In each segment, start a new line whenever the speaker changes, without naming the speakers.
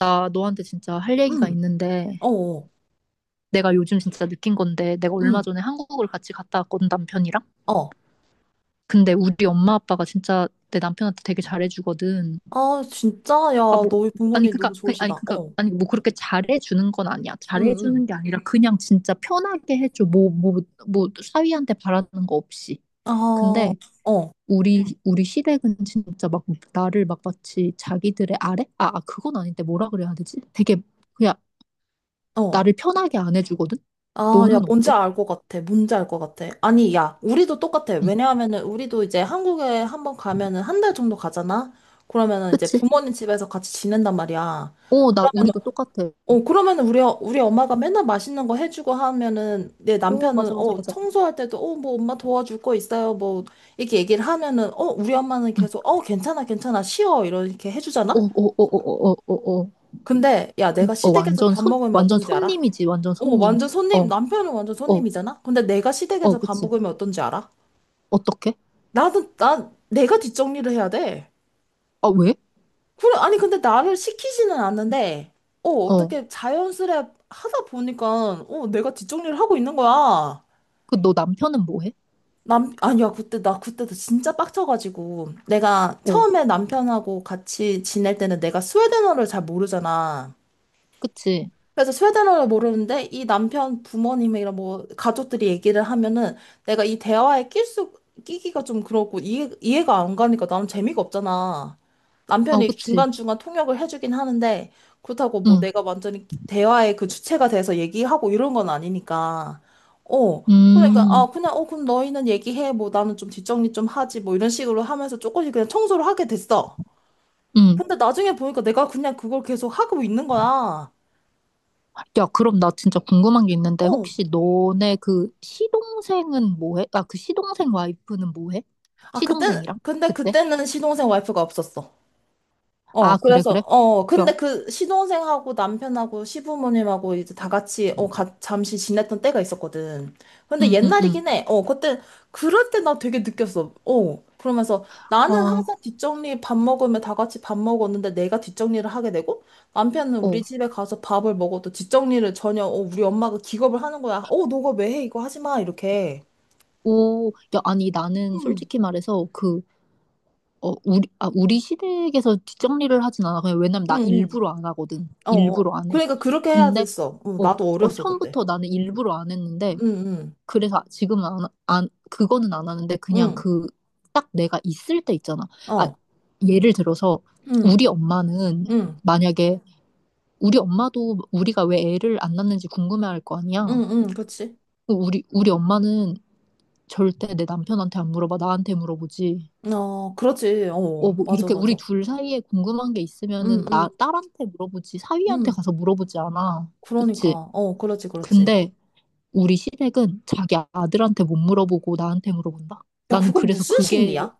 나 너한테 진짜 할 얘기가
응,
있는데
어, 어,
내가 요즘 진짜 느낀 건데, 내가 얼마
응,
전에 한국을 같이 갔다 왔거든, 남편이랑.
어.
근데 우리 엄마 아빠가 진짜 내 남편한테 되게 잘해주거든.
아, 진짜? 야,
아 뭐
너희
아니
부모님 너무
그니까 아니
좋으시다.
그니까
어,
아니, 뭐 그렇게 잘해주는 건 아니야.
응, 응.
잘해주는 게 아니라 그냥 진짜 편하게 해줘. 뭐 사위한테 바라는 거 없이.
아, 어,
근데 우리 시댁은 진짜 막 나를 막 마치 자기들의 아래 그건 아닌데, 뭐라 그래야 되지, 되게 그냥
어.
나를 편하게 안 해주거든?
아, 야,
너는
뭔지
어때?
알 것 같아. 뭔지 알 것 같아. 아니, 야, 우리도 똑같아.
응,
왜냐하면은, 우리도 이제 한국에 한번 가면은 한 달 정도 가잖아? 그러면은 이제
그치?
부모님 집에서 같이 지낸단 말이야.
어, 나, 우리도 똑같아.
어, 그러면 우리 엄마가 맨날 맛있는 거 해주고 하면은 내
어,
남편은
맞아, 맞아, 맞아.
청소할 때도 뭐 엄마 도와줄 거 있어요. 뭐 이렇게 얘기를 하면은 우리 엄마는
응.
계속 괜찮아, 괜찮아, 쉬어. 이렇게
어,
해주잖아?
어, 어, 어, 어, 어, 어.
근데 야, 내가
어,
시댁에서
완전
밥
손,
먹으면
완전
어떤지 알아?
손님이지, 완전
어,
손님.
완전 손님,
어,
남편은 완전
어,
손님이잖아? 근데 내가
어,
시댁에서 밥
그치?
먹으면 어떤지 알아?
어떻게?
나는, 난 내가 뒷정리를 해야 돼.
아, 왜?
그래, 아니, 근데 나를 시키지는 않는데
어,
어떻게 자연스레 하다 보니까 내가 뒷정리를 하고 있는 거야.
그, 너 남편은 뭐 해?
아니야, 그때, 나 그때도 진짜 빡쳐가지고. 내가
어,
처음에 남편하고 같이 지낼 때는 내가 스웨덴어를 잘 모르잖아.
그치?
그래서 스웨덴어를 모르는데 이 남편 부모님이랑 뭐 가족들이 얘기를 하면은 내가 이 대화에 낄 수, 끼기가 좀 그렇고 이해가 안 가니까 나는 재미가 없잖아.
어,
남편이
그치?
중간중간 통역을 해주긴 하는데 그렇다고 뭐
응,
내가 완전히 대화의 그 주체가 돼서 얘기하고 이런 건 아니니까. 어. 그러니까
음,
그냥 그럼 너희는 얘기해 뭐 나는 좀 뒷정리 좀 하지 뭐 이런 식으로 하면서 조금씩 그냥 청소를 하게 됐어.
음.
근데 나중에 보니까 내가 그냥 그걸 계속 하고 있는 거야.
야, 그럼 나 진짜 궁금한 게 있는데,
어.
혹시 너네 그 시동생은 뭐 해? 아, 그 시동생 와이프는 뭐 해?
아, 그때,
시동생이랑?
근데
그때?
그때는 시동생 와이프가 없었어.
아,
어,
그래,
그래서,
그래? 야,
근데 그 시동생하고 남편하고 시부모님하고 이제 다 같이, 잠시 지냈던 때가 있었거든. 근데
응, 응, 응.
옛날이긴 해. 어, 그때, 그럴 때 나 되게 느꼈어. 어, 그러면서 나는
와,
항상 뒷정리 밥 먹으면 다 같이 밥 먹었는데 내가 뒷정리를 하게 되고 남편은
어,
우리 집에 가서 밥을 먹어도 뒷정리를 전혀, 우리 엄마가 기겁을 하는 거야. 어, 너가 왜 해? 이거 하지 마. 이렇게.
오, 야, 아니, 나는
응,
솔직히 말해서 그, 어, 우리, 아, 우리 시댁에서 뒷정리를 하진 않아. 그냥 왜냐면
응,
나
응.
일부러 안 하거든.
어, 어.
일부러 안 해.
그러니까 그렇게 해야
근데,
됐어. 어,
어,
나도
어,
어렸어, 그때.
처음부터 나는 일부러 안 했는데,
응, 응,
그래서 지금은 안, 안, 그거는 안 하는데, 그냥
응,
그, 딱 내가 있을 때 있잖아. 아,
어,
예를 들어서,
응,
우리 엄마는
응,
만약에, 우리 엄마도 우리가 왜 애를 안 낳는지 궁금해할 거 아니야.
응, 응, 그치.
그 우리 엄마는 절대 내 남편한테 안 물어봐. 나한테 물어보지.
어, 그렇지.
어,
어,
뭐
맞아,
이렇게 우리
맞아.
둘 사이에 궁금한 게
응,
있으면은
응,
나 딸한테 물어보지. 사위한테
응.
가서 물어보지 않아. 그치?
그러니까, 어, 그렇지, 그렇지.
근데 우리 시댁은 자기 아들한테 못 물어보고 나한테 물어본다.
야,
나는
그거
그래서
무슨
그게,
심리야?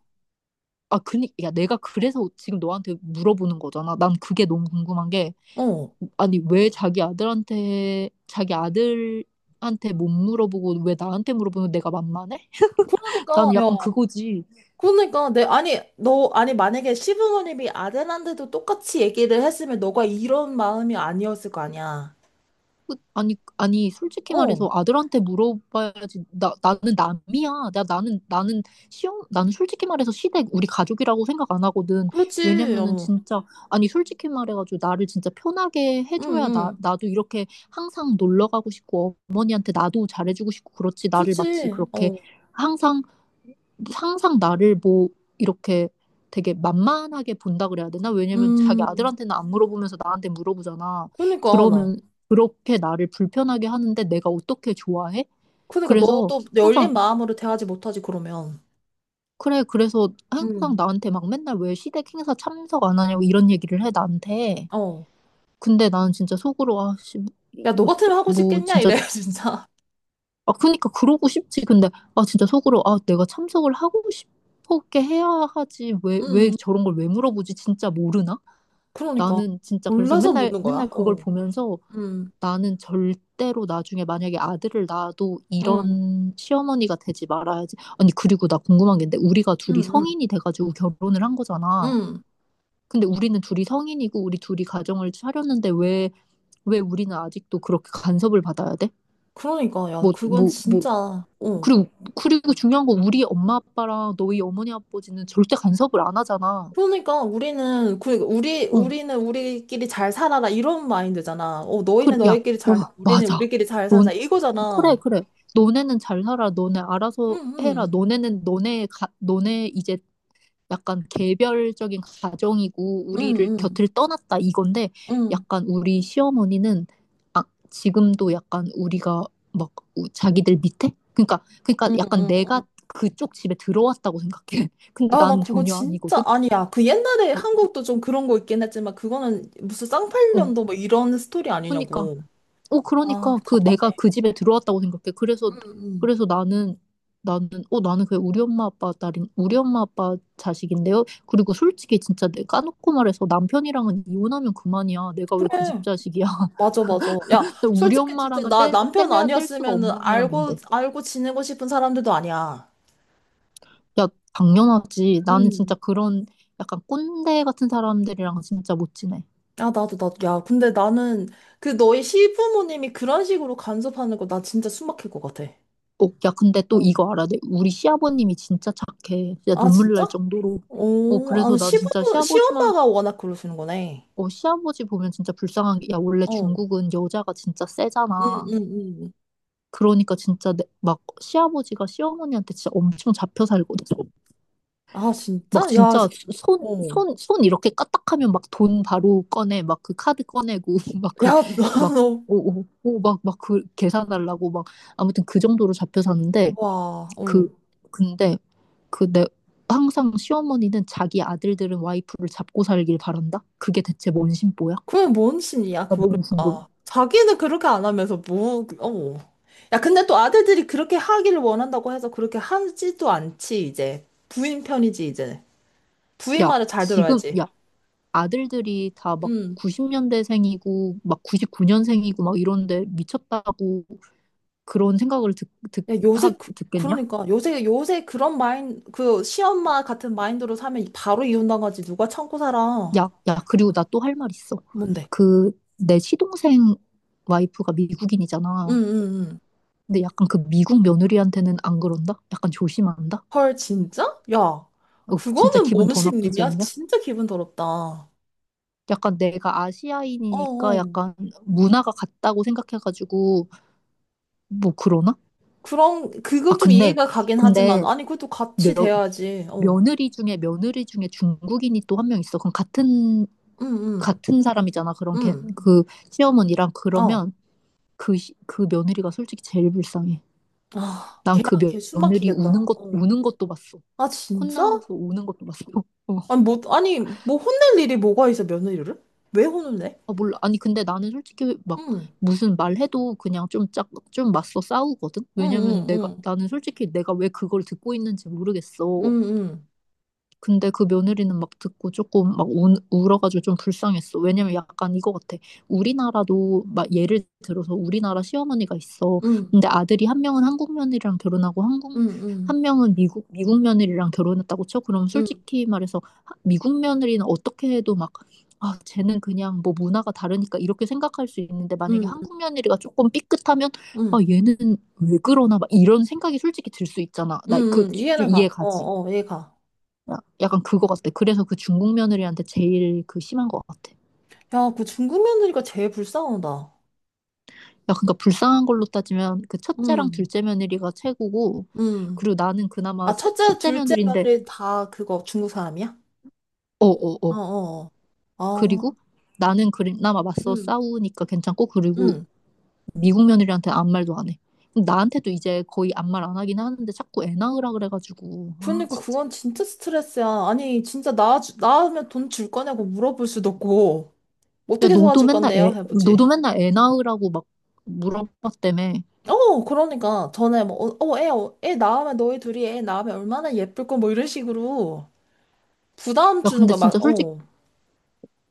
아, 그니 야 내가 그래서 지금 너한테 물어보는 거잖아. 난 그게 너무 궁금한 게,
어.
아니 왜 자기 아들한테 못 물어보고 왜 나한테 물어보면, 내가 만만해?
그러니까,
나는
야,
약간 그거지.
그러니까, 아니, 아니, 만약에 시부모님이 아들한테도 똑같이 얘기를 했으면 너가 이런 마음이 아니었을 거 아니야.
아니, 아니, 솔직히
어,
말해서 아들한테 물어봐야지. 나, 나는 남이야. 나는 시험, 나는 솔직히 말해서 시댁 우리 가족이라고 생각 안 하거든.
그렇지,
왜냐면은
어,
진짜, 아니, 솔직히 말해가지고 나를 진짜 편하게
응,
해줘야 나,
응,
나도 이렇게 항상 놀러 가고 싶고, 어머니한테 나도 잘해주고 싶고 그렇지. 나를 마치
그렇지,
그렇게
어,
항상 항상 나를 뭐 이렇게 되게 만만하게 본다 그래야 되나? 왜냐면 자기
음.
아들한테는 안 물어보면서 나한테 물어보잖아.
그러니까 나.
그러면 그렇게 나를 불편하게 하는데 내가 어떻게 좋아해?
그러니까
그래서
너도
항상,
열린 마음으로 대하지 못하지 그러면.
그래 그래서 항상
음.
나한테 막 맨날 왜 시댁 행사 참석 안 하냐고 이런 얘기를 해 나한테.
어.
근데 나는 진짜 속으로 아씨,
야, 너
뭐,
같으면 하고
뭐
싶겠냐?
진짜,
이래 진짜.
아, 그니까 그러고 싶지. 근데, 아, 진짜 속으로, 아, 내가 참석을 하고 싶었게 해야 하지. 왜
음.
저런 걸 왜 물어보지? 진짜 모르나?
그러니까
나는 진짜 그래서
몰라서
맨날,
묻는 거야.
맨날 그걸
어.
보면서,
음.
나는 절대로 나중에 만약에 아들을 낳아도
음.
이런 시어머니가 되지 말아야지. 아니, 그리고 나 궁금한 게 있는데, 우리가
음.
둘이
음.
성인이 돼가지고 결혼을 한 거잖아.
음.
근데 우리는 둘이 성인이고, 우리 둘이 가정을 차렸는데, 왜 우리는 아직도 그렇게 간섭을 받아야 돼?
그러니까 야,
뭐,
그건
뭐, 뭐,
진짜
어,
어.
그리고, 그리고 중요한 건 우리 엄마 아빠랑 너희 어머니 아버지는 절대 간섭을 안 하잖아.
그러니까 우리는 그 우리
응,
우리는 우리끼리 잘 살아라 이런 마인드잖아. 어, 너희는
그래, 야,
너희끼리
오,
잘 살아. 우리는
맞아.
우리끼리 잘 살자.
넌, 그래,
이거잖아.
그래. 너네는 잘 살아. 너네
음.
알아서 해라.
음.
너네는 너네, 가, 너네 이제 약간 개별적인 가정이고
음.
우리를
음.
곁을 떠났다 이건데,
음.
약간 우리 시어머니는 아, 지금도 약간 우리가 막 자기들 밑에? 그러니까, 그러니까
음.
약간
음.
내가 그쪽 집에 들어왔다고 생각해. 근데
아, 나
난
그거
전혀
진짜
아니거든.
아니야. 그 옛날에
어,
한국도 좀 그런 거 있긴 했지만 그거는 무슨
어,
쌍팔년도 뭐 이런 스토리
그러니까,
아니냐고.
어,
아,
그러니까 그 내가
답답해.
그 집에 들어왔다고 생각해. 그래서,
응, 응.
그래서 나는, 나는 어 나는 그냥 우리 엄마 아빠 딸인, 우리 엄마 아빠 자식인데요. 그리고 솔직히 진짜 내 까놓고 말해서 남편이랑은 이혼하면 그만이야. 내가 왜 그 집
그래.
자식이야?
맞아, 맞아. 야,
근데 우리
솔직히 진짜
엄마랑은
나 남편
뗄래야 뗄 수가
아니었으면은
없는
알고
사람인데.
알고 지내고 싶은 사람들도 아니야.
야, 당연하지. 나는
응.
진짜 그런 약간 꼰대 같은 사람들이랑 진짜 못 지내.
아, 나도 나도 야, 근데 나는 그 너희 시부모님이 그런 식으로 간섭하는 거 나 진짜 숨 막힐 것 같아.
어, 야, 근데 또
어.
이거 알아야 돼. 우리 시아버님이 진짜 착해. 진짜
아,
눈물
진짜?
날 정도로. 어,
오,
그래서
아,
난 진짜
시부모
시아버지만,
시엄마가 워낙 그러시는 거네.
어, 시아버지 보면 진짜 불쌍한 게, 야, 원래
어.
중국은 여자가 진짜 세잖아.
응응응
그러니까 진짜 내, 막 시아버지가 시어머니한테 진짜 엄청 잡혀 살거든.
아,
막
진짜? 야,
진짜
어.
손 이렇게 까딱하면 막 돈 바로 꺼내, 막 그 카드 꺼내고, 막 그,
야,
막,
나너
오, 막, 막 그 계산하려고 막 아무튼 그 정도로 잡혀 사는데,
와, 어.
그 근데 그 내 항상 시어머니는 자기 아들들은 와이프를 잡고 살길 바란다. 그게 대체 뭔 심보야?
그게 뭔 심리야,
나 너무 궁금해.
그러니까. 자기는 그렇게 안 하면서 뭐, 어. 야, 근데 또 아들들이 그렇게 하기를 원한다고 해서 그렇게 하지도 않지, 이제. 부인 편이지, 이제. 부인
야,
말을 잘
지금
들어야지.
야, 아들들이 다 막
응
90년대생이고 막 99년생이고 막 이런데, 미쳤다고 그런 생각을
야, 요새, 그,
듣겠냐?
그러니까, 요새 그런 그, 시엄마 같은 마인드로 사면 바로 이혼당하지. 누가 참고 살아.
야, 야, 그리고 나 또 할 말 있어.
뭔데?
그 내 시동생 와이프가
응,
미국인이잖아.
응, 응.
근데 약간 그 미국 며느리한테는 안 그런다? 약간 조심한다?
헐, 진짜? 야,
어, 진짜
그거는
기분
몸
더 나쁘지
심리냐?
않냐?
진짜 기분 더럽다. 어,
약간 내가 아시아인이니까
어.
약간 문화가 같다고 생각해가지고 뭐 그러나?
그럼,
아
그건 좀
근데,
이해가 가긴 하지만,
근데
아니, 그것도
며,
같이 돼야지. 어.
며느리 중에 중국인이 또 한 명 있어. 그럼 같은
응, 응,
같은 사람이잖아. 그런 걔,
응.
그 시어머니랑
어.
그러면, 그, 그 며느리가 솔직히 제일 불쌍해.
아,
난 그
걔숨
며느리
막히겠다.
우는 것
어.
우는 것도 봤어.
아, 진짜?
콧나가서 우는 것도 봤어.
아니, 뭐, 아니, 뭐 혼낼 일이 뭐가 있어, 며느리를? 왜 혼을 내?
아, 몰라. 아니, 근데 나는 솔직히 막
응,
무슨 말해도 그냥 좀 짝, 좀 맞서 싸우거든?
응,
왜냐면
응,
내가,
응,
나는 솔직히 내가 왜 그걸 듣고 있는지 모르겠어.
응,
근데 그 며느리는 막 듣고 조금 막 우, 울어가지고 좀 불쌍했어. 왜냐면 약간 이거 같아. 우리나라도 막 예를 들어서 우리나라 시어머니가 있어.
응, 응,
근데 아들이 한 명은 한국 며느리랑 결혼하고,
응,
한국
응,
한 명은 미국 며느리랑 결혼했다고 쳐. 그럼
응,
솔직히 말해서 미국 며느리는 어떻게 해도 막 아, 쟤는 그냥 뭐 문화가 다르니까 이렇게 생각할 수 있는데, 만약에
응,
한국 며느리가 조금 삐끗하면 아,
응,
얘는 왜 그러나 막 이런 생각이 솔직히 들 수 있잖아.
응,
나 그,
응, 이해는
이해
가. 어,
가지.
어, 이해 가.
약간 그거 같아. 그래서 그 중국 며느리한테 제일 그 심한 것 같아.
야, 그 중국 며느리가 제일 불쌍하다.
야, 그러니까 불쌍한 걸로 따지면 그 첫째랑
음,
둘째 며느리가 최고고,
음.
그리고 나는 그나마
아, 첫째,
셋째
둘째
며느리인데,
며느리 다 그거 중국 사람이야?
어, 어, 어.
어어어. 아,
그리고 나는 그나마 맞서
응
싸우니까 괜찮고, 그리고
응.
미국 며느리한테 아무 말도 안 해. 근데 나한테도 이제 거의 아무 말 안 하긴 하는데 자꾸 애 낳으라 그래가지고, 아,
그러니까
진짜.
그건 진짜 스트레스야. 아니, 진짜 나으면 돈 줄 거냐고 물어볼 수도 없고,
야,
어떻게
너도
도와줄
맨날
건데요?
애,
해보지.
너도 맨날 애 낳으라고 막 물어봤다며.
어, 그러니까. 전에 뭐, 애 낳으면, 너희 둘이 애 낳으면 얼마나 예쁠 거 뭐 이런 식으로 부담
야,
주는
근데
거 막,
진짜 솔직히,
어.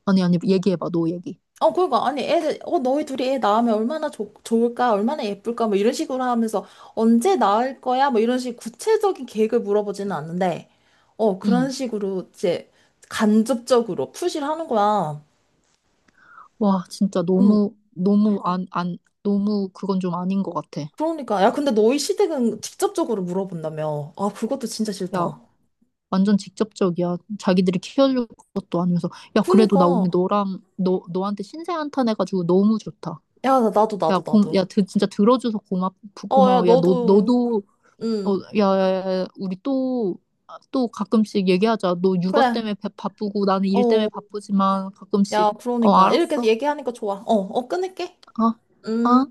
아니, 아니, 얘기해봐, 너 얘기.
어, 그러니까, 아니, 애들, 너희 둘이 애 낳으면 얼마나 좋 좋을까, 얼마나 예쁠까, 뭐 이런 식으로 하면서 언제 낳을 거야, 뭐 이런 식 구체적인 계획을 물어보지는 않는데, 어, 그런
응.
식으로 이제 간접적으로 푸시를 하는 거야.
와, 진짜
응,
너무 안, 안, 너무 그건 좀 아닌 것 같아.
그러니까, 야, 근데 너희 시댁은 직접적으로 물어본다며. 아, 그것도 진짜
야,
싫다.
완전 직접적이야. 자기들이 키워줄 것도 아니면서. 야, 그래도 나
그러니까,
오늘 너랑, 너, 너한테 신세 한탄해가지고 너무 좋다.
야, 나도,
야,
나도,
고, 야,
나도.
드, 진짜 들어줘서 고맙,
어, 야,
고마워. 야, 너,
너도,
너도, 어,
응,
야, 야, 야, 또 가끔씩 얘기하자. 너 육아
그래.
때문에 바쁘고 나는 일 때문에
어,
바쁘지만 가끔씩.
야,
어,
그러니까. 이렇게
알았어.
얘기하니까 좋아. 어, 어, 끊을게.
어,
음.
어.